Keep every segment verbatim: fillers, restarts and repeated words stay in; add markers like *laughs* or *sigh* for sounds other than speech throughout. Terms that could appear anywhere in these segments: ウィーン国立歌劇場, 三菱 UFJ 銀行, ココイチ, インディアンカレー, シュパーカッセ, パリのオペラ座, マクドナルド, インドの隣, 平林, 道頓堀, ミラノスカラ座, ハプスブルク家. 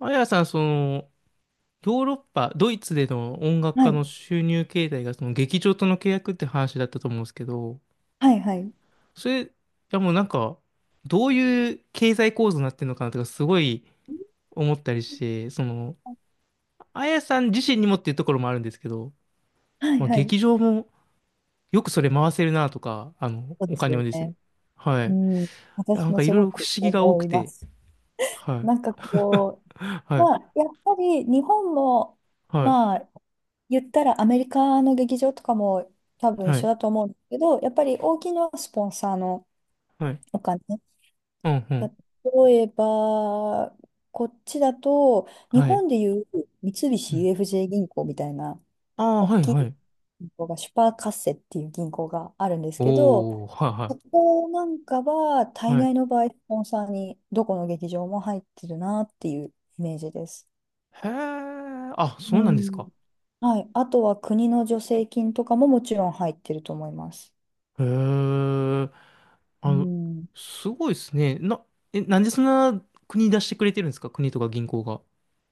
あやさん、その、ヨーロッパ、ドイツでの音楽は家のい。収入形態が、その劇場との契約って話だったと思うんですけど、はいはい。それ、いやもうなんか、どういう経済構図になってるのかなとか、すごい思ったりして、その、あやさん自身にもっていうところもあるんですけど、はいまあ、はい。劇場もよくそれ回せるなとか、あの、そうでおす金よをですね。ね。はい。ういん。やな私んもかいすろいごろ不く思議が多思くいまて、す。はい。なんかこ *laughs* う、はまい。あ、やっぱり日本も、はい。まあ、言ったらアメリカの劇場とかも多分一は緒い。だと思うんですけど、やっぱり大きなスポンサーのはい。お金。うん、うん。例えば、こっちだと、日はい。本でいう三う菱 ん。ユーエフジェー 銀行みたいなああ、大はい、きはいい。銀行が、シュパーカッセっていう銀行があるんですけど、おー、そはこなんかは、いは大い。は概い。の場合、スポンサーにどこの劇場も入ってるなっていうイメージです。へえ、あ、そううなんですん。か。はい。あとは国の助成金とかももちろん入ってると思います。へえ、うあの、ん。すごいですね。な、え、なんでそんな国出してくれてるんですか、国とか銀行が。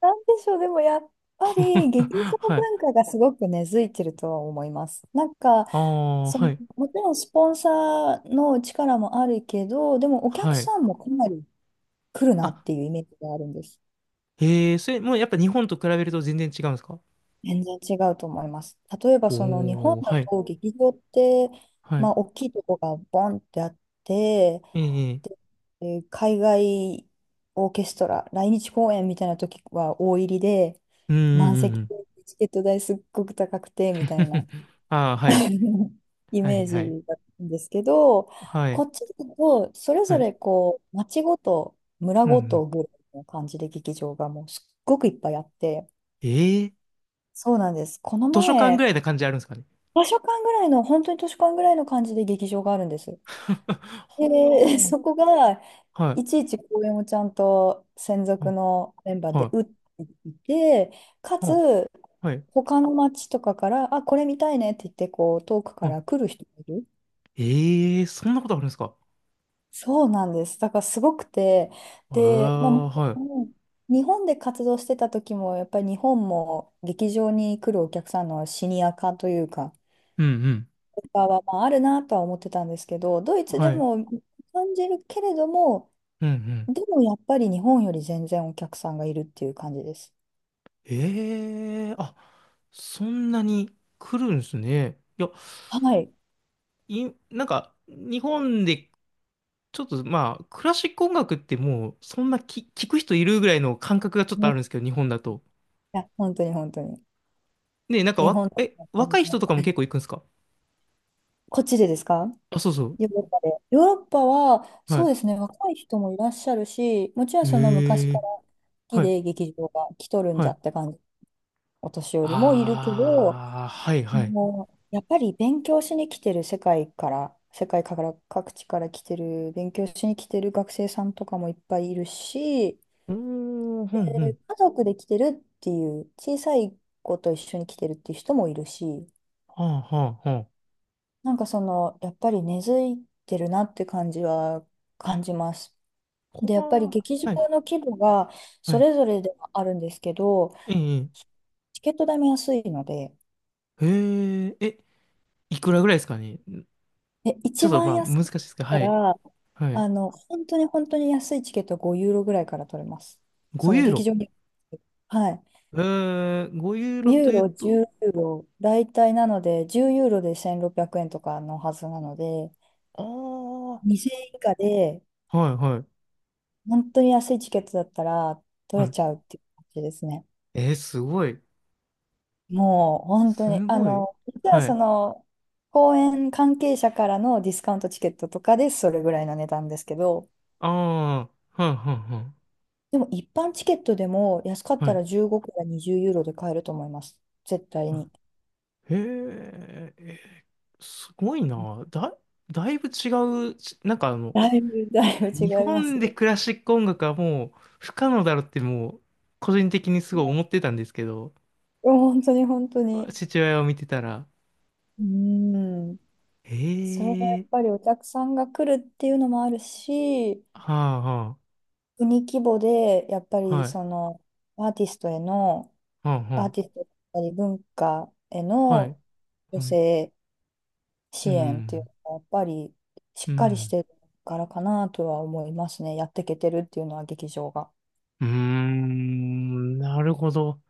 なんでしょう、でもやっぱり劇 *laughs* 場はい。文化がすごく根付いてるとは思います。なんか、ああ、そはの、い。もちろんスポンサーの力もあるけど、でもお客はい。さんもかなり来るなあ、っていうイメージがあるんです。へえ、それ、もうやっぱ日本と比べると全然違うんですか。全然違うと思います。例えばその日本おー、だはい。と劇場って、はまい。あ、大きいとこがボンってあって、ええ、ええ、で、えー海外オーケストラ、来日公演みたいな時は大入りで、うんうん満うんう席でん。チケット代すっごく高くてみたいな *laughs* ああ、はい。*laughs* イはメい、ーはい。ジだったんですけど、はこい。っちだとそれはぞい。れこう町ごと村うんうごん。とぐらいの感じで劇場がもうすっごくいっぱいあって、ええ、そうなんです。この図書館ぐら前いな感じあるんですかね。 場所間ぐらいの、本当に図書館ぐらいの感じで劇場があるんです。*laughs* で、*laughs* はー、そこが、はいい、ちいち公演をちゃんと専属は、のメンバーはで打っい、ていて、かは、つ、はい、他の町とかから、あ、これ見たいねって言って、こう、遠くからは、来る人がいる。ええ、そんなことあるんですか。そうなんです。だからすごくて、ええ、で、まあ、もちはろい。ん日本で活動してた時も、やっぱり日本も劇場に来るお客さんのシニア化というか、うんうん。かは、まあ、あるなとは思ってたんですけど、ドイツではい。も感じるけれども、うんうん。でもやっぱり日本より全然お客さんがいるっていう感じです。ええ、あ、そんなに来るんですね。いや、はい。い、なんか、日本で、ちょっとまあ、クラシック音楽ってもう、そんなき、聞く人いるぐらいの感覚がちょっとねあいるんですけど、日本だと。や、本当に本当に。ね、なんか日わ、本だとえ、本当若にい人もとかもう結構行くんですか。こっちでですか？あ、そうそう。ヨーロッパで。ヨーロッパは、そうはですね、若い人もいらっしゃるし、もちろんい。その昔えかえ、ら好きはい。で劇場が来とるんはじゃい。って感じ、お年寄りもいるけど、ああ、はいはい。もう、やっぱり勉強しに来てる世界から、世界から各地から来てる、勉強しに来てる学生さんとかもいっぱいいるし、うーん、ふんふ家ん。族で来てるっていう、小さい子と一緒に来てるっていう人もいるし、はあはあはあ。なんかその、やっぱり根付いてるなって感じは感じます。こで、やっぱりわ劇場ー、はい、の規模がはそい。れぞれではあるんですけど、ええ、チケット代も安いので、ええ、え、いくらぐらいですかね。え、ちょ一っとま番あ安い難しいですけど、かはい、ら、はい。あの、本当に本当に安いチケットはごユーロぐらいから取れます。ごそのユー劇ロ。場に。はい。ええ、ごユーごロユとーいうロ、と、じゅうユーロ、大体なので、じゅうユーロでせんろっぴゃくえんとかのはずなので、ああ、はにせんえん以下で、い、はい、本当に安いチケットだったら取はれい。ちゃうっていう感じですね。えー、すごい。もう、本当すに、あごい。の、実ははそい。の、公演関係者からのディスカウントチケットとかでそれぐらいの値段ですけど、ああ、はい、はでも一般チケットでも安かっい、はい。たはい。らじゅうごからにじゅうユーロで買えると思います。絶対はに。い、へえ、えー、すごいな。だ、だいぶ違うし、なんかあの、だいぶ、だいぶ違日います本でね。クラシック音楽はもう不可能だろってもう個人的にすごい思ってたんですけど、本当に本当に。父親を見てたら、うん。それがやえっえ、ぱりお客さんが来るっていうのもあるし、はあ、は国規模でやっぱあ、りはい、そのアーティストへの、はあ、アーはティストだったり文化へあ、はい、の女はい、性う支援っていうん、のがやっぱりしうっかりしん、てるからかなとは思いますね。やっていけてるっていうのは劇場が。うーん、なるほど。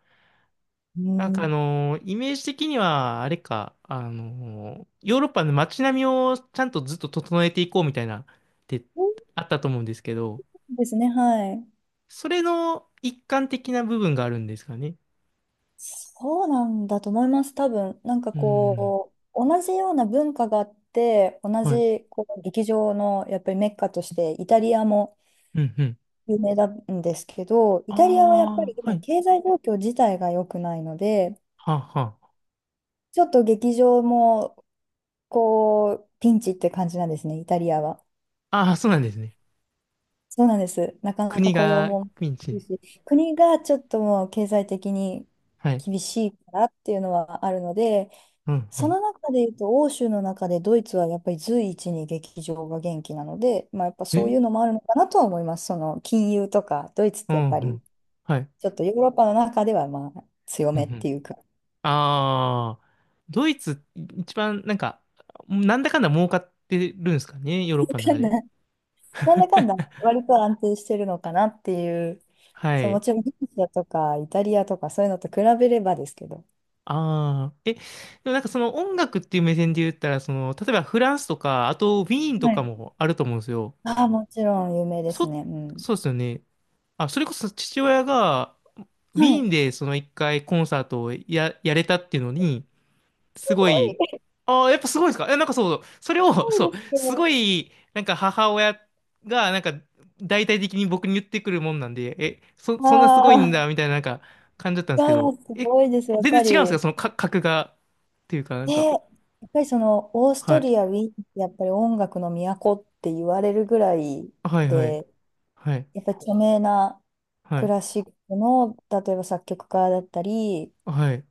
うなんかあん。のーイメージ的には、あれか、あのーヨーロッパの街並みをちゃんとずっと整えていこうみたいな、ってそうあったと思うんですけど、ですね、はい。それの一環的な部分があるんですかね。そうなんだと思います、多分。なんかうん。こう、同じような文化があって、同はい。じこう劇場のやっぱりメッカとして、イタリアもうん、うん。有名なんですけど、イあタリアはやっぱあ、りは今、い。経済状況自体が良くないので、はあ、はちょっと劇場もこう、ピンチって感じなんですね、イタリアは。あ。ああ、そうなんですね。そうなんです。なかなか国雇用がもピンチ厳で。しいし、国がちょっともう経済的にはい。厳しいからっていうのはあるので、うん、うそん。の中で言うと、欧州の中でドイツはやっぱり随一に劇場が元気なので、まあ、やっぱそうえ、いうのもあるのかなとは思います。その金融とか、ドイツっうてやっん、ぱうりん。はい。ちょっとヨーロッパの中ではまあ強うん、うめってん。いうか、ああ、ドイツ、一番、なんか、なんだかんだ儲かってるんですかね、ヨーロッパの中で。*laughs* なんだかんだ割と安定してるのかなっていう、はそう、もい。ちろんギリシャとかイタリアとかそういうのと比べればですけど、ああ、え、でもなんかその音楽っていう目線で言ったら、その、例えばフランスとか、あとウィーンとはかい。もあると思うんですよ。ああ、もちろん有名ですそ、ね。うん。そうですよね。あ、それこそ父親が、ウはィーンい。でその一回コンサートをや、やれたっていうのに、すすごごい、い、すああ、やっぱすごいですか。え、なんかそう、それを、ごいそう、ですけすごど、い、なんか母親が、なんか、大体的に僕に言ってくるもんなんで、え、そ、そんなすごいんあだ、あ、みたいな、なんか、感じだったんでいすやけいや、ど、すえ、ごいです。やっ全然ぱ違うんですり。か、そのか、格が、っていうか、なんね、か、やっぱりそのオースはトい。リア、ウィーンってやっぱり音楽の都って言われるぐらいはいはい。で、はい。やっぱり著名なはクい。ラシックの、例えば作曲家だったり、はい。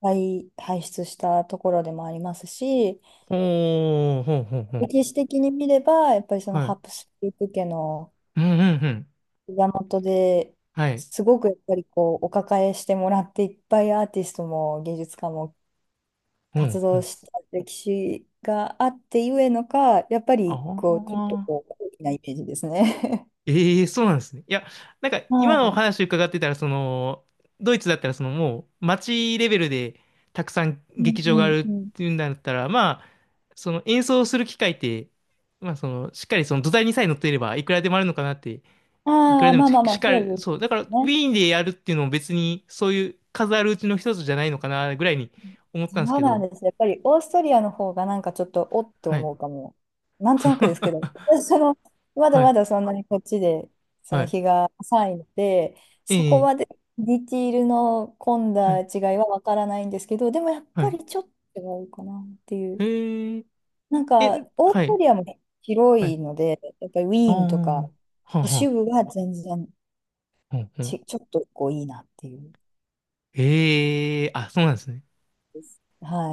輩輩出したところでもありますし、ほー、ほんほんほん。歴史的に見れば、やっぱりそのはい。ハプスブルク家のうんうんうん。膝元ではい。すごくやっぱりこうお抱えしてもらっていっぱいアーティストも芸術家もうん活う動ん、した歴史があってゆえのか、やっぱありこう、ちょっとあ。こう、高貴なイメージですね。ええ、そうなんですね。いや、なんか今のお *laughs* は話伺ってたら、その、ドイツだったら、そのもう街レベルでたくさんい。う劇ん場がうあんるっうん。ていうんだったら、まあ、その演奏する機会って、まあ、その、しっかりその土台にさえ乗っていれば、いくらでもあるのかなって、いくあらあ、でまもあしまあましあ、っかそり、うでそう、だから、ウすィね。ーンでやるっていうのも別に、そういう数あるうちの一つじゃないのかな、ぐらいに思ったんですそうけなんど、です。やっぱりオーストリアの方がなんかちょっとおってはい。思うかも。なんとなくですけど、*laughs* *laughs* その、まだはまい、だそんなにこっちで、そはのい。日が浅いので、そこえまえ、でディティールの混んはだい、違いはわからないんですけど、でもやっはぱい。りちょっと違うかなっていう。え、なんええ、か、オはーストい、リアも広はいい。ので、やっぱりウあィあ、ーンとか、はあ、は都あ、市は部は全然あ、はあ。ち、ちょっとこういいなっていう。ええ、あ、そうなんですね。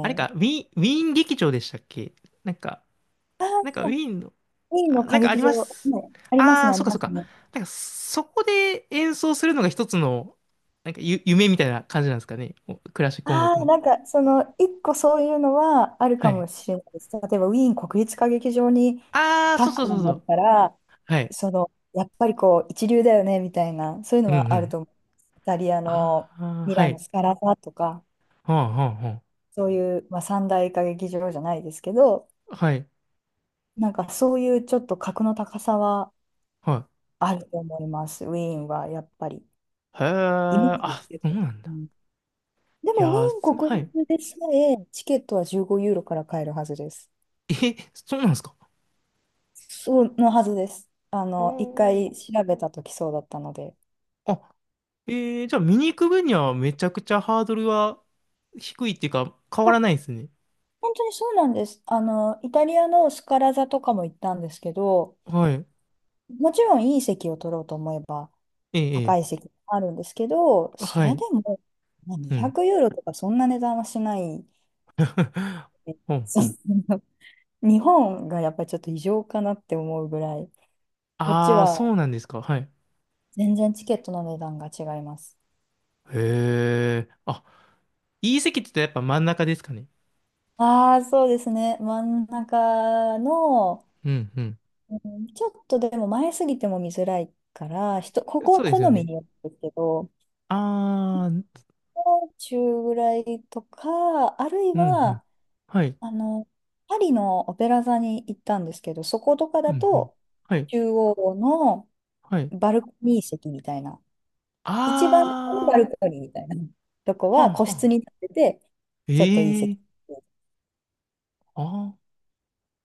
あれか、ウい。ィーン、ウィーン劇場でしたっけ。なんか、あなんかー、ウィーンの、ウィーンのあ、な歌んかあ劇り場、ます。ね、ありますあね、あ、あそりっかまそっすか。ね。なんか、そこで演奏するのが一つの、なんかゆ、夢みたいな感じなんですかね。おクラシック音あ楽あ、の。なんか、その、一個そういうのはあるはかもい。しれないです。例えば、ウィーン国立歌劇場に立っああ、たそうそうそうんそだっう。たら、はい。その、やっぱりこう、一流だよね、みたいな、そういううのんうはあるん。と思う。イタリアのああ、ミはラノい。スカラ座とか、はあ、はあ、はそういう、まあ、三大歌劇場じゃないですけど、あ。はい。なんかそういうちょっと格の高さははあると思います、ウィーンはやっぱり。い。へイメーえ、ジであ、すけそうど。なんうだ。ん、でいも、ウィやー、ーす、ン国はい。立でさえ、チケットはじゅうごユーロから買えるはずです。え、そうなんですか。そうのはずです。ああの、一ー、回調べたときそうだったので。あ、えー、じゃあ見に行く分にはめちゃくちゃハードルは低いっていうか変わらなあ、いですね。本当にそうなんです。あの、イタリアのスカラ座とかも行ったんですけど、はい。もちろんいい席を取ろうと思えばええ、高いえ席もあるんですけど、え、そはれい。でもまあうん。にひゃくユーロとかそんな値段はしない。*laughs* *laughs* えほんそほん。う、日本がやっぱりちょっと異常かなって思うぐらい、こっちああ、はそうなんですか。はい。全然チケットの値段が違います。へえ。あ、いい席って言ったらやっぱ真ん中ですかね。ああ、そうですね。真ん中の、うんううん、ちょっとでも前すぎても見づらいから、人、こん。こそはうで好すよみね。によるんですけど、ああ、うんもう中ぐらいとか、あるいうん。は、はい。あの、パリのオペラ座に行ったんですけど、そことかうだんうん。と、はい。中央のはい。バルコニー席みたいな、一番のバルあコニーみたいなとこあ、ははあ個は室あ。に立ってて、ちょっといいえ席。え、ああ。